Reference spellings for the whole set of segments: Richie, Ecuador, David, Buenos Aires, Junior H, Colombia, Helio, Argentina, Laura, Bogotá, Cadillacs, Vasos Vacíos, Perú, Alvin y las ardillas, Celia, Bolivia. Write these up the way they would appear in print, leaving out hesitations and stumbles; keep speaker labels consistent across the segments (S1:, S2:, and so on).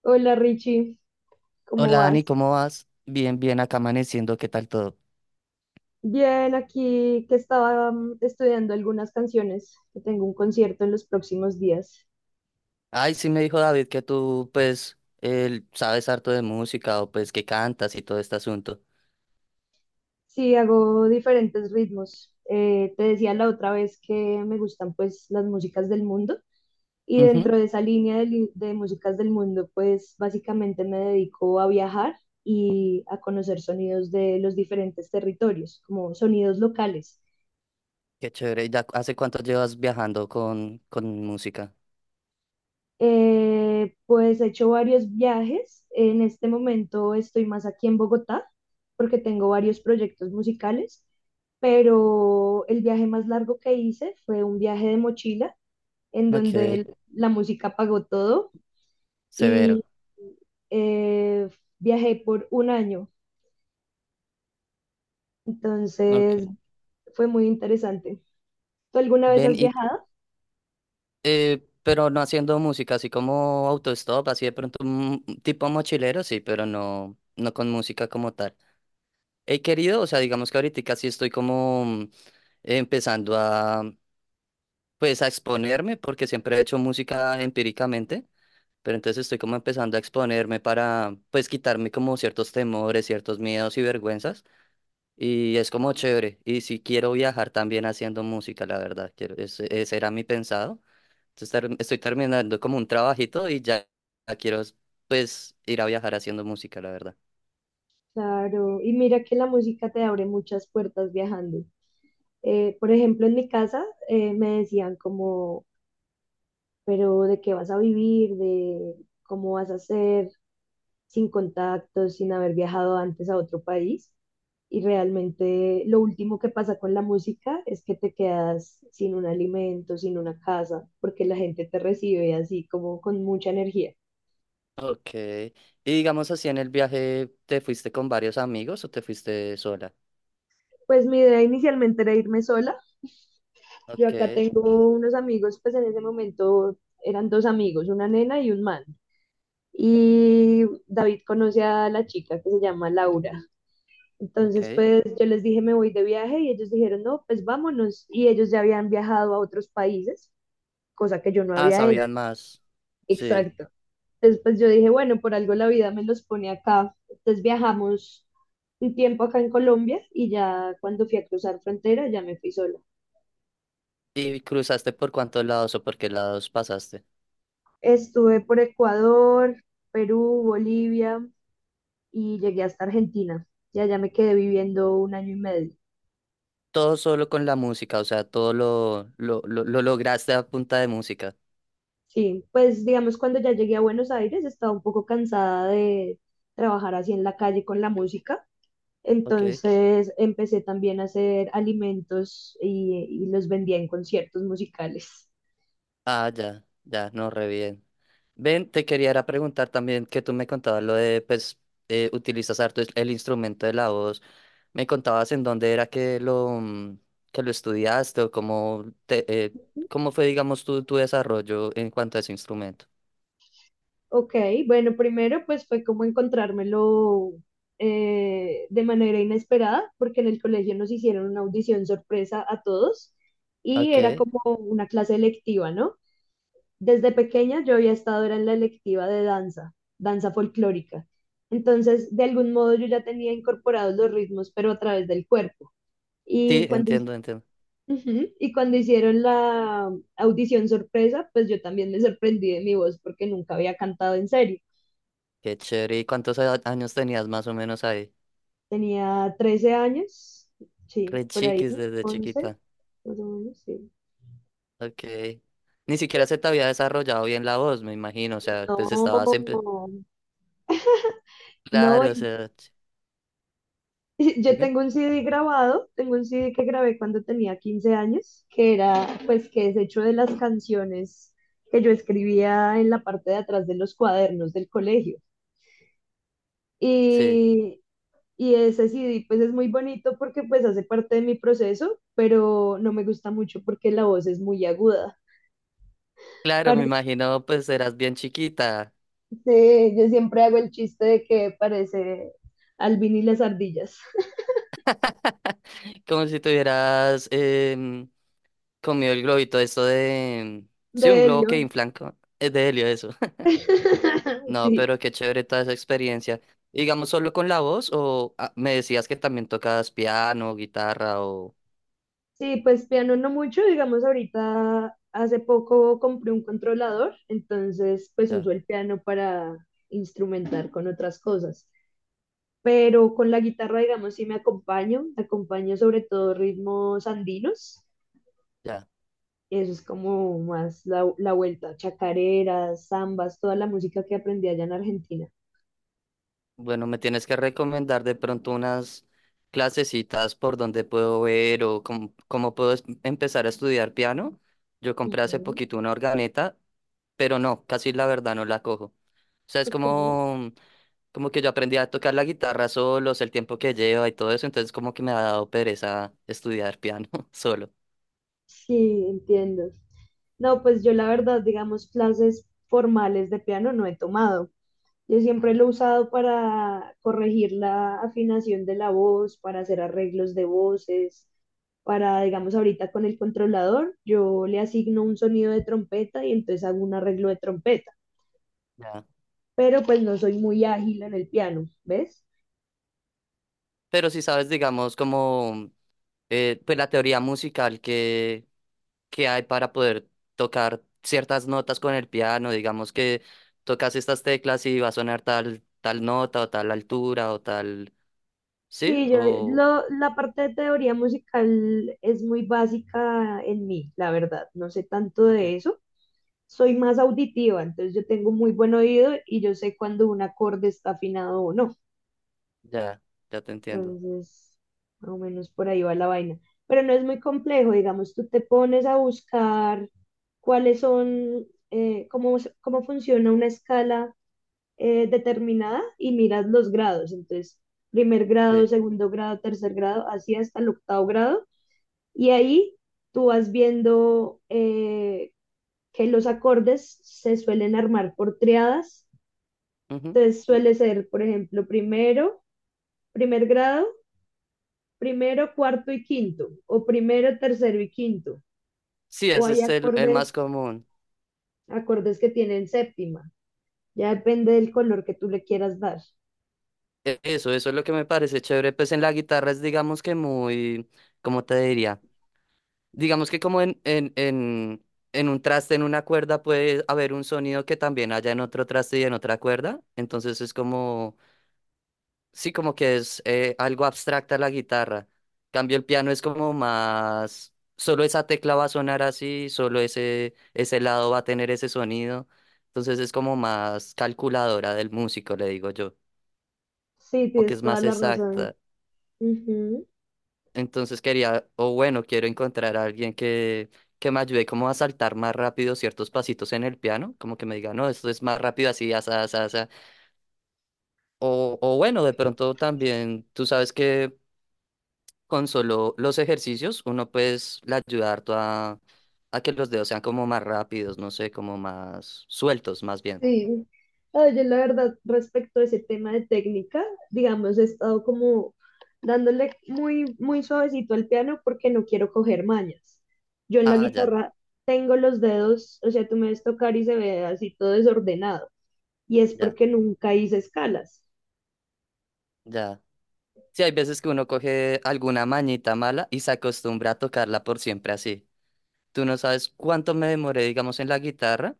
S1: Hola Richie, ¿cómo
S2: Hola Dani,
S1: vas?
S2: ¿cómo vas? Bien, bien, acá amaneciendo, ¿qué tal todo?
S1: Bien, aquí que estaba estudiando algunas canciones, que tengo un concierto en los próximos días.
S2: Ay, sí me dijo David que tú, pues, él sabes harto de música o pues que cantas y todo este asunto.
S1: Sí, hago diferentes ritmos. Te decía la otra vez que me gustan pues las músicas del mundo y
S2: Ujú.
S1: dentro de esa línea de músicas del mundo, pues básicamente me dedico a viajar y a conocer sonidos de los diferentes territorios, como sonidos locales.
S2: Qué chévere. ¿Y ya hace cuánto llevas viajando con música?
S1: Pues he hecho varios viajes. En este momento estoy más aquí en Bogotá porque tengo varios proyectos musicales, pero el viaje más largo que hice fue un viaje de mochila en donde
S2: Ok,
S1: la música pagó todo
S2: severo.
S1: y eh, viajé por un año.
S2: Ok.
S1: Entonces fue muy interesante. ¿Tú alguna vez
S2: Ven
S1: has
S2: y,
S1: viajado?
S2: pero no haciendo música, así como autostop, así de pronto tipo mochilero, sí, pero no, no con música como tal. He querido, o sea, digamos que ahorita sí estoy como empezando pues a exponerme, porque siempre he hecho música empíricamente, pero entonces estoy como empezando a exponerme para, pues, quitarme como ciertos temores, ciertos miedos y vergüenzas, y es como chévere, y si quiero viajar también haciendo música, la verdad, quiero, ese era mi pensado, entonces estoy terminando como un trabajito y ya ya quiero, pues, ir a viajar haciendo música, la verdad.
S1: Claro, y mira que la música te abre muchas puertas viajando. Por ejemplo, en mi casa me decían como, pero ¿de qué vas a vivir? ¿De cómo vas a hacer sin contactos, sin haber viajado antes a otro país? Y realmente lo último que pasa con la música es que te quedas sin un alimento, sin una casa, porque la gente te recibe así como con mucha energía.
S2: Ok, y digamos así en el viaje, ¿te fuiste con varios amigos o te fuiste sola?
S1: Pues mi idea inicialmente era irme sola. Yo
S2: Ok,
S1: acá tengo unos amigos, pues en ese momento eran dos amigos, una nena y un man. Y David conoce a la chica que se llama Laura. Entonces,
S2: ok.
S1: pues yo les dije, me voy de viaje y ellos dijeron, no, pues vámonos. Y ellos ya habían viajado a otros países, cosa que yo no
S2: Ah,
S1: había hecho.
S2: sabían más. Sí.
S1: Exacto. Entonces, pues yo dije, bueno, por algo la vida me los pone acá. Entonces viajamos un tiempo acá en Colombia y ya cuando fui a cruzar frontera ya me fui sola.
S2: ¿Y cruzaste por cuántos lados o por qué lados pasaste?
S1: Estuve por Ecuador, Perú, Bolivia y llegué hasta Argentina. Ya allá me quedé viviendo un año y medio.
S2: Todo solo con la música, o sea, todo lo lograste a punta de música.
S1: Sí, pues digamos cuando ya llegué a Buenos Aires estaba un poco cansada de trabajar así en la calle con la música,
S2: Ok.
S1: entonces empecé también a hacer alimentos y, los vendía en conciertos musicales.
S2: Ah, ya, ya, no, re bien. Ven, te quería era preguntar también que tú me contabas lo de, pues, utilizas harto el instrumento de la voz. Me contabas en dónde era que lo estudiaste o cómo, cómo fue, digamos, tu desarrollo en cuanto a ese instrumento.
S1: Ok, bueno, primero pues fue como encontrármelo, de manera inesperada, porque en el colegio nos hicieron una audición sorpresa a todos y era
S2: Ok.
S1: como una clase electiva, ¿no? Desde pequeña yo había estado era en la electiva de danza, danza folclórica. Entonces, de algún modo yo ya tenía incorporados los ritmos, pero a través del cuerpo.
S2: Sí,
S1: Y cuando, hi-
S2: entiendo, entiendo.
S1: Ujú, y cuando hicieron la audición sorpresa, pues yo también me sorprendí de mi voz porque nunca había cantado en serio.
S2: Qué chévere. ¿Y cuántos años tenías más o menos ahí?
S1: Tenía 13 años, sí,
S2: Re
S1: por ahí,
S2: chiquis desde
S1: 11,
S2: chiquita.
S1: más o menos, sí.
S2: Ok. Ni siquiera se te había desarrollado bien la voz, me imagino. O sea, pues estabas siempre.
S1: No, no,
S2: Claro, o sea.
S1: yo
S2: Dime.
S1: tengo un CD grabado, tengo un CD que grabé cuando tenía 15 años, que era, pues, que es hecho de las canciones que yo escribía en la parte de atrás de los cuadernos del colegio.
S2: Sí.
S1: Y, y ese CD, pues, es muy bonito porque, pues, hace parte de mi proceso, pero no me gusta mucho porque la voz es muy aguda.
S2: Claro, me
S1: Parece,
S2: imagino, pues eras bien chiquita.
S1: yo siempre hago el chiste de que parece Alvin y las ardillas
S2: Como si tuvieras em, comido el globito, esto de. Sí,
S1: de
S2: un globo que
S1: helio.
S2: inflan. Es de helio, eso. No,
S1: Sí.
S2: pero qué chévere toda esa experiencia. Digamos, solo con la voz, o me decías que también tocabas piano, guitarra, o.
S1: Sí, pues piano no mucho, digamos ahorita hace poco compré un controlador, entonces pues
S2: Ya,
S1: uso el piano para instrumentar con otras cosas, pero con la guitarra digamos sí me acompaño, acompaño sobre todo ritmos andinos,
S2: ya.
S1: eso es como más la vuelta, chacareras, zambas, toda la música que aprendí allá en Argentina.
S2: Bueno, me tienes que recomendar de pronto unas clasecitas por donde puedo ver o cómo puedo empezar a estudiar piano. Yo compré hace
S1: Ujú,
S2: poquito una organeta, pero no, casi la verdad no la cojo. O sea, es
S1: ok.
S2: como que yo aprendí a tocar la guitarra solos, el tiempo que lleva y todo eso, entonces como que me ha dado pereza estudiar piano solo.
S1: Sí, entiendo. No, pues yo la verdad, digamos, clases formales de piano no he tomado. Yo
S2: Ah,
S1: siempre
S2: ¿no?
S1: lo he usado para corregir la afinación de la voz, para hacer arreglos de voces, para, digamos, ahorita con el controlador, yo le asigno un sonido de trompeta y entonces hago un arreglo de trompeta,
S2: Ya.
S1: pero pues no soy muy ágil en el piano, ¿ves?
S2: Pero si sabes, digamos, como pues la teoría musical que hay para poder tocar ciertas notas con el piano, digamos que tocas estas teclas y va a sonar tal, tal nota o tal altura o tal, ¿sí?
S1: Sí, yo
S2: O,
S1: la parte de teoría musical es muy básica en mí, la verdad, no sé tanto
S2: ok,
S1: de eso. Soy más auditiva, entonces yo tengo muy buen oído y yo sé cuando un acorde está afinado o no.
S2: ya, ya te entiendo.
S1: Entonces, más o menos por ahí va la vaina. Pero no es muy complejo, digamos, tú te pones a buscar cuáles son, cómo, cómo funciona una escala determinada y miras los grados. Entonces, primer grado,
S2: Sí,
S1: segundo grado, tercer grado, así hasta el octavo grado. Y ahí tú vas viendo que los acordes se suelen armar por triadas.
S2: ujú.
S1: Entonces, suele ser, por ejemplo, primer grado primero, cuarto y quinto, o primero, tercero y quinto,
S2: Sí,
S1: o
S2: ese
S1: hay
S2: es el más común.
S1: acordes que tienen séptima, ya depende del color que tú le quieras dar.
S2: Eso, eso es lo que me parece chévere. Pues en la guitarra es, digamos que muy, ¿cómo te diría? Digamos que como en un traste, en una cuerda, puede haber un sonido que también haya en otro traste y en otra cuerda. Entonces es como, sí, como que es algo abstracta la guitarra. Cambio el piano es como más, solo esa tecla va a sonar así, solo ese lado va a tener ese sonido. Entonces es como más calculadora del músico, le digo yo.
S1: Sí,
S2: Como que
S1: tienes
S2: es
S1: toda
S2: más
S1: la razón.
S2: exacta.
S1: Ujú,
S2: Entonces quería, o bueno, quiero encontrar a alguien que me ayude como a saltar más rápido ciertos pasitos en el piano, como que me diga, no, esto es más rápido así, asa, asa, asa. O bueno, de pronto también, tú sabes que con solo los ejercicios uno pues le ayuda harto a que los dedos sean como más rápidos, no sé, como más sueltos más bien.
S1: sí. Ah, yo la verdad, respecto a ese tema de técnica, digamos, he estado como dándole muy, muy suavecito al piano porque no quiero coger mañas. Yo en la
S2: Ah, ya,
S1: guitarra tengo los dedos, o sea, tú me ves tocar y se ve así todo desordenado. Y es
S2: ya,
S1: porque nunca hice escalas.
S2: ya. Sí, hay veces que uno coge alguna mañita mala y se acostumbra a tocarla por siempre así. Tú no sabes cuánto me demoré, digamos, en la guitarra.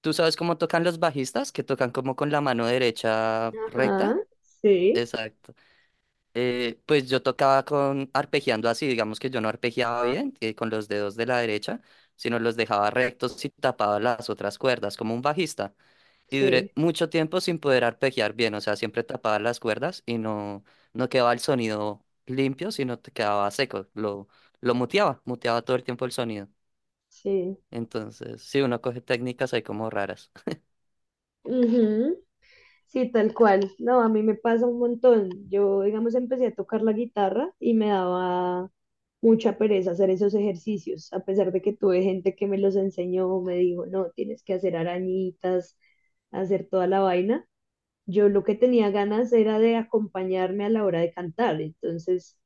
S2: ¿Tú sabes cómo tocan los bajistas, que tocan como con la mano derecha
S1: Ajá,
S2: recta?
S1: sí,
S2: Exacto. Pues yo tocaba con arpegiando así, digamos que yo no arpegiaba bien, con los dedos de la derecha, sino los dejaba rectos y tapaba las otras cuerdas, como un bajista. Y duré
S1: sí,
S2: mucho tiempo sin poder arpegiar bien, o sea, siempre tapaba las cuerdas y no quedaba el sonido limpio, sino te quedaba seco. Lo muteaba, muteaba todo el tiempo el sonido.
S1: sí.
S2: Entonces, sí, uno coge técnicas ahí como raras.
S1: Ujú, sí, tal cual. No, a mí me pasa un montón. Yo, digamos, empecé a tocar la guitarra y me daba mucha pereza hacer esos ejercicios, a pesar de que tuve gente que me los enseñó, me dijo, no, tienes que hacer arañitas, hacer toda la vaina. Yo lo que tenía ganas era de acompañarme a la hora de cantar. Entonces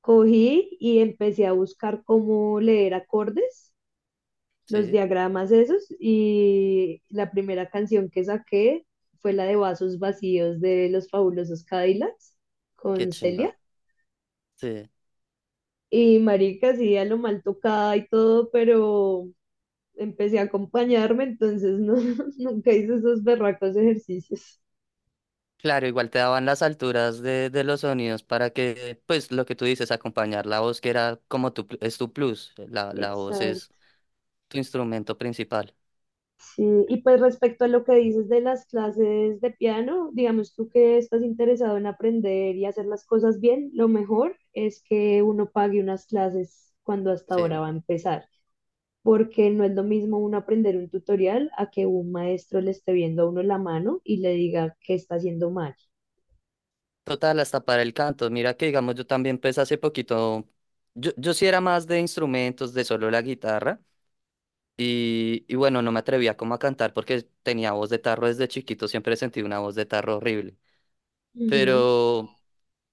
S1: cogí y empecé a buscar cómo leer acordes, los
S2: Sí,
S1: diagramas esos, y la primera canción que saqué fue la de Vasos Vacíos de los Fabulosos Cadillacs
S2: qué
S1: con
S2: chimba.
S1: Celia.
S2: Sí.
S1: Y marica, sí, a lo mal tocada y todo, pero empecé a acompañarme, entonces no, nunca hice esos berracos ejercicios.
S2: Claro, igual te daban las alturas de los sonidos para que, pues, lo que tú dices, acompañar la voz, que era como es tu plus. La voz es
S1: Exacto.
S2: tu instrumento principal.
S1: Sí, y pues respecto a lo que dices de las clases de piano, digamos tú que estás interesado en aprender y hacer las cosas bien, lo mejor es que uno pague unas clases cuando hasta ahora
S2: Sí.
S1: va a empezar, porque no es lo mismo uno aprender un tutorial a que un maestro le esté viendo a uno la mano y le diga que está haciendo mal.
S2: Total, hasta para el canto. Mira que, digamos, yo también, pues, hace poquito, yo sí era más de instrumentos, de solo la guitarra. Y bueno, no me atrevía como a cantar porque tenía voz de tarro desde chiquito, siempre sentí una voz de tarro horrible.
S1: Ujú,
S2: Pero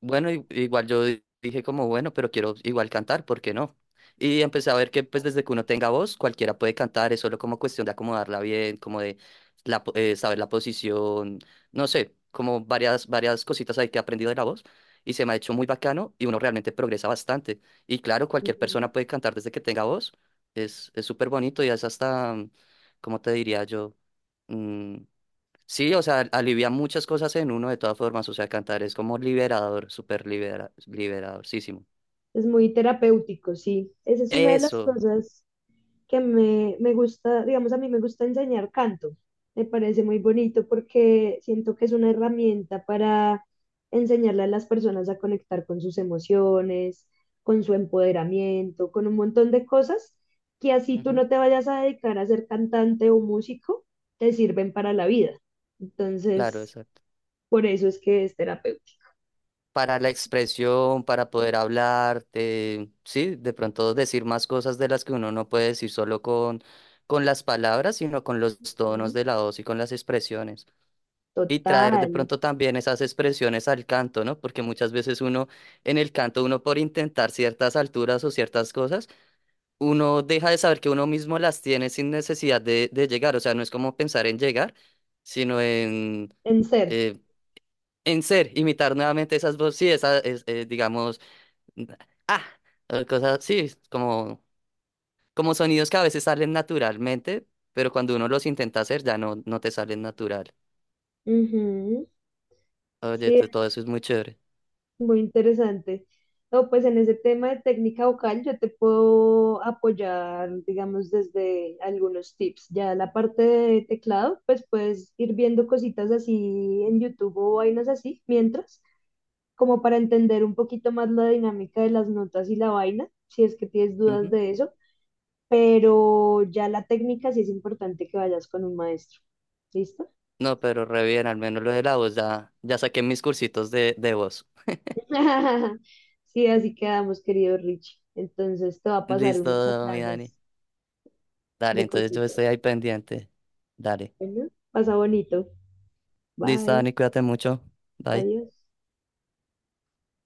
S2: bueno, igual yo dije como, bueno, pero quiero igual cantar, ¿por qué no? Y empecé a ver que pues desde que uno tenga voz, cualquiera puede cantar, es solo como cuestión de acomodarla bien, como de saber la posición, no sé, como varias, varias cositas ahí que he aprendido de la voz y se me ha hecho muy bacano y uno realmente progresa bastante. Y claro, cualquier
S1: ujú.
S2: persona puede cantar desde que tenga voz, es súper bonito y es hasta, ¿cómo te diría yo? Mm, Sí, o sea, alivia muchas cosas en uno de todas formas, o sea, cantar es como liberador, súper liberadorcísimo.
S1: Es muy terapéutico, sí. Esa es una de las
S2: Eso,
S1: cosas que me gusta, digamos, a mí me gusta enseñar canto. Me parece muy bonito porque siento que es una herramienta para enseñarle a las personas a conectar con sus emociones, con su empoderamiento, con un montón de cosas que así tú
S2: ujú,
S1: no te vayas a dedicar a ser cantante o músico, te sirven para la vida.
S2: claro,
S1: Entonces,
S2: exacto.
S1: por eso es que es terapéutico.
S2: Para la expresión, para poder hablar, sí, de pronto decir más cosas de las que uno no puede decir solo con las palabras, sino con los tonos
S1: ¿No?
S2: de la voz y con las expresiones. Y traer de
S1: Total,
S2: pronto también esas expresiones al canto, ¿no? Porque muchas veces uno, en el canto, uno por intentar ciertas alturas o ciertas cosas, uno deja de saber que uno mismo las tiene sin necesidad de llegar. O sea, no es como pensar en llegar, sino
S1: en ser.
S2: eh, en ser, imitar nuevamente esas voces, sí, digamos, n- ah, o cosas, sí, como sonidos que a veces salen naturalmente, pero cuando uno los intenta hacer ya no te salen natural.
S1: Ujú,
S2: Oye,
S1: sí,
S2: todo eso es muy chévere.
S1: muy interesante. No, pues en ese tema de técnica vocal yo te puedo apoyar, digamos, desde algunos tips. Ya la parte de teclado, pues puedes ir viendo cositas así en YouTube o vainas así, mientras, como para entender un poquito más la dinámica de las notas y la vaina, si es que tienes dudas
S2: Ujú.
S1: de eso. Pero ya la técnica sí es importante que vayas con un maestro. ¿Listo?
S2: No, pero re bien, al menos lo de la voz, ya, ya saqué mis cursitos de voz.
S1: Sí, así quedamos, querido Richie. Entonces te va a pasar
S2: Listo,
S1: unos
S2: mi Dani.
S1: enlaces
S2: Dale,
S1: de
S2: entonces yo estoy
S1: cositas.
S2: ahí pendiente. Dale.
S1: Bueno, pasa bonito.
S2: Listo,
S1: Bye.
S2: Dani, cuídate mucho. Bye.
S1: Adiós.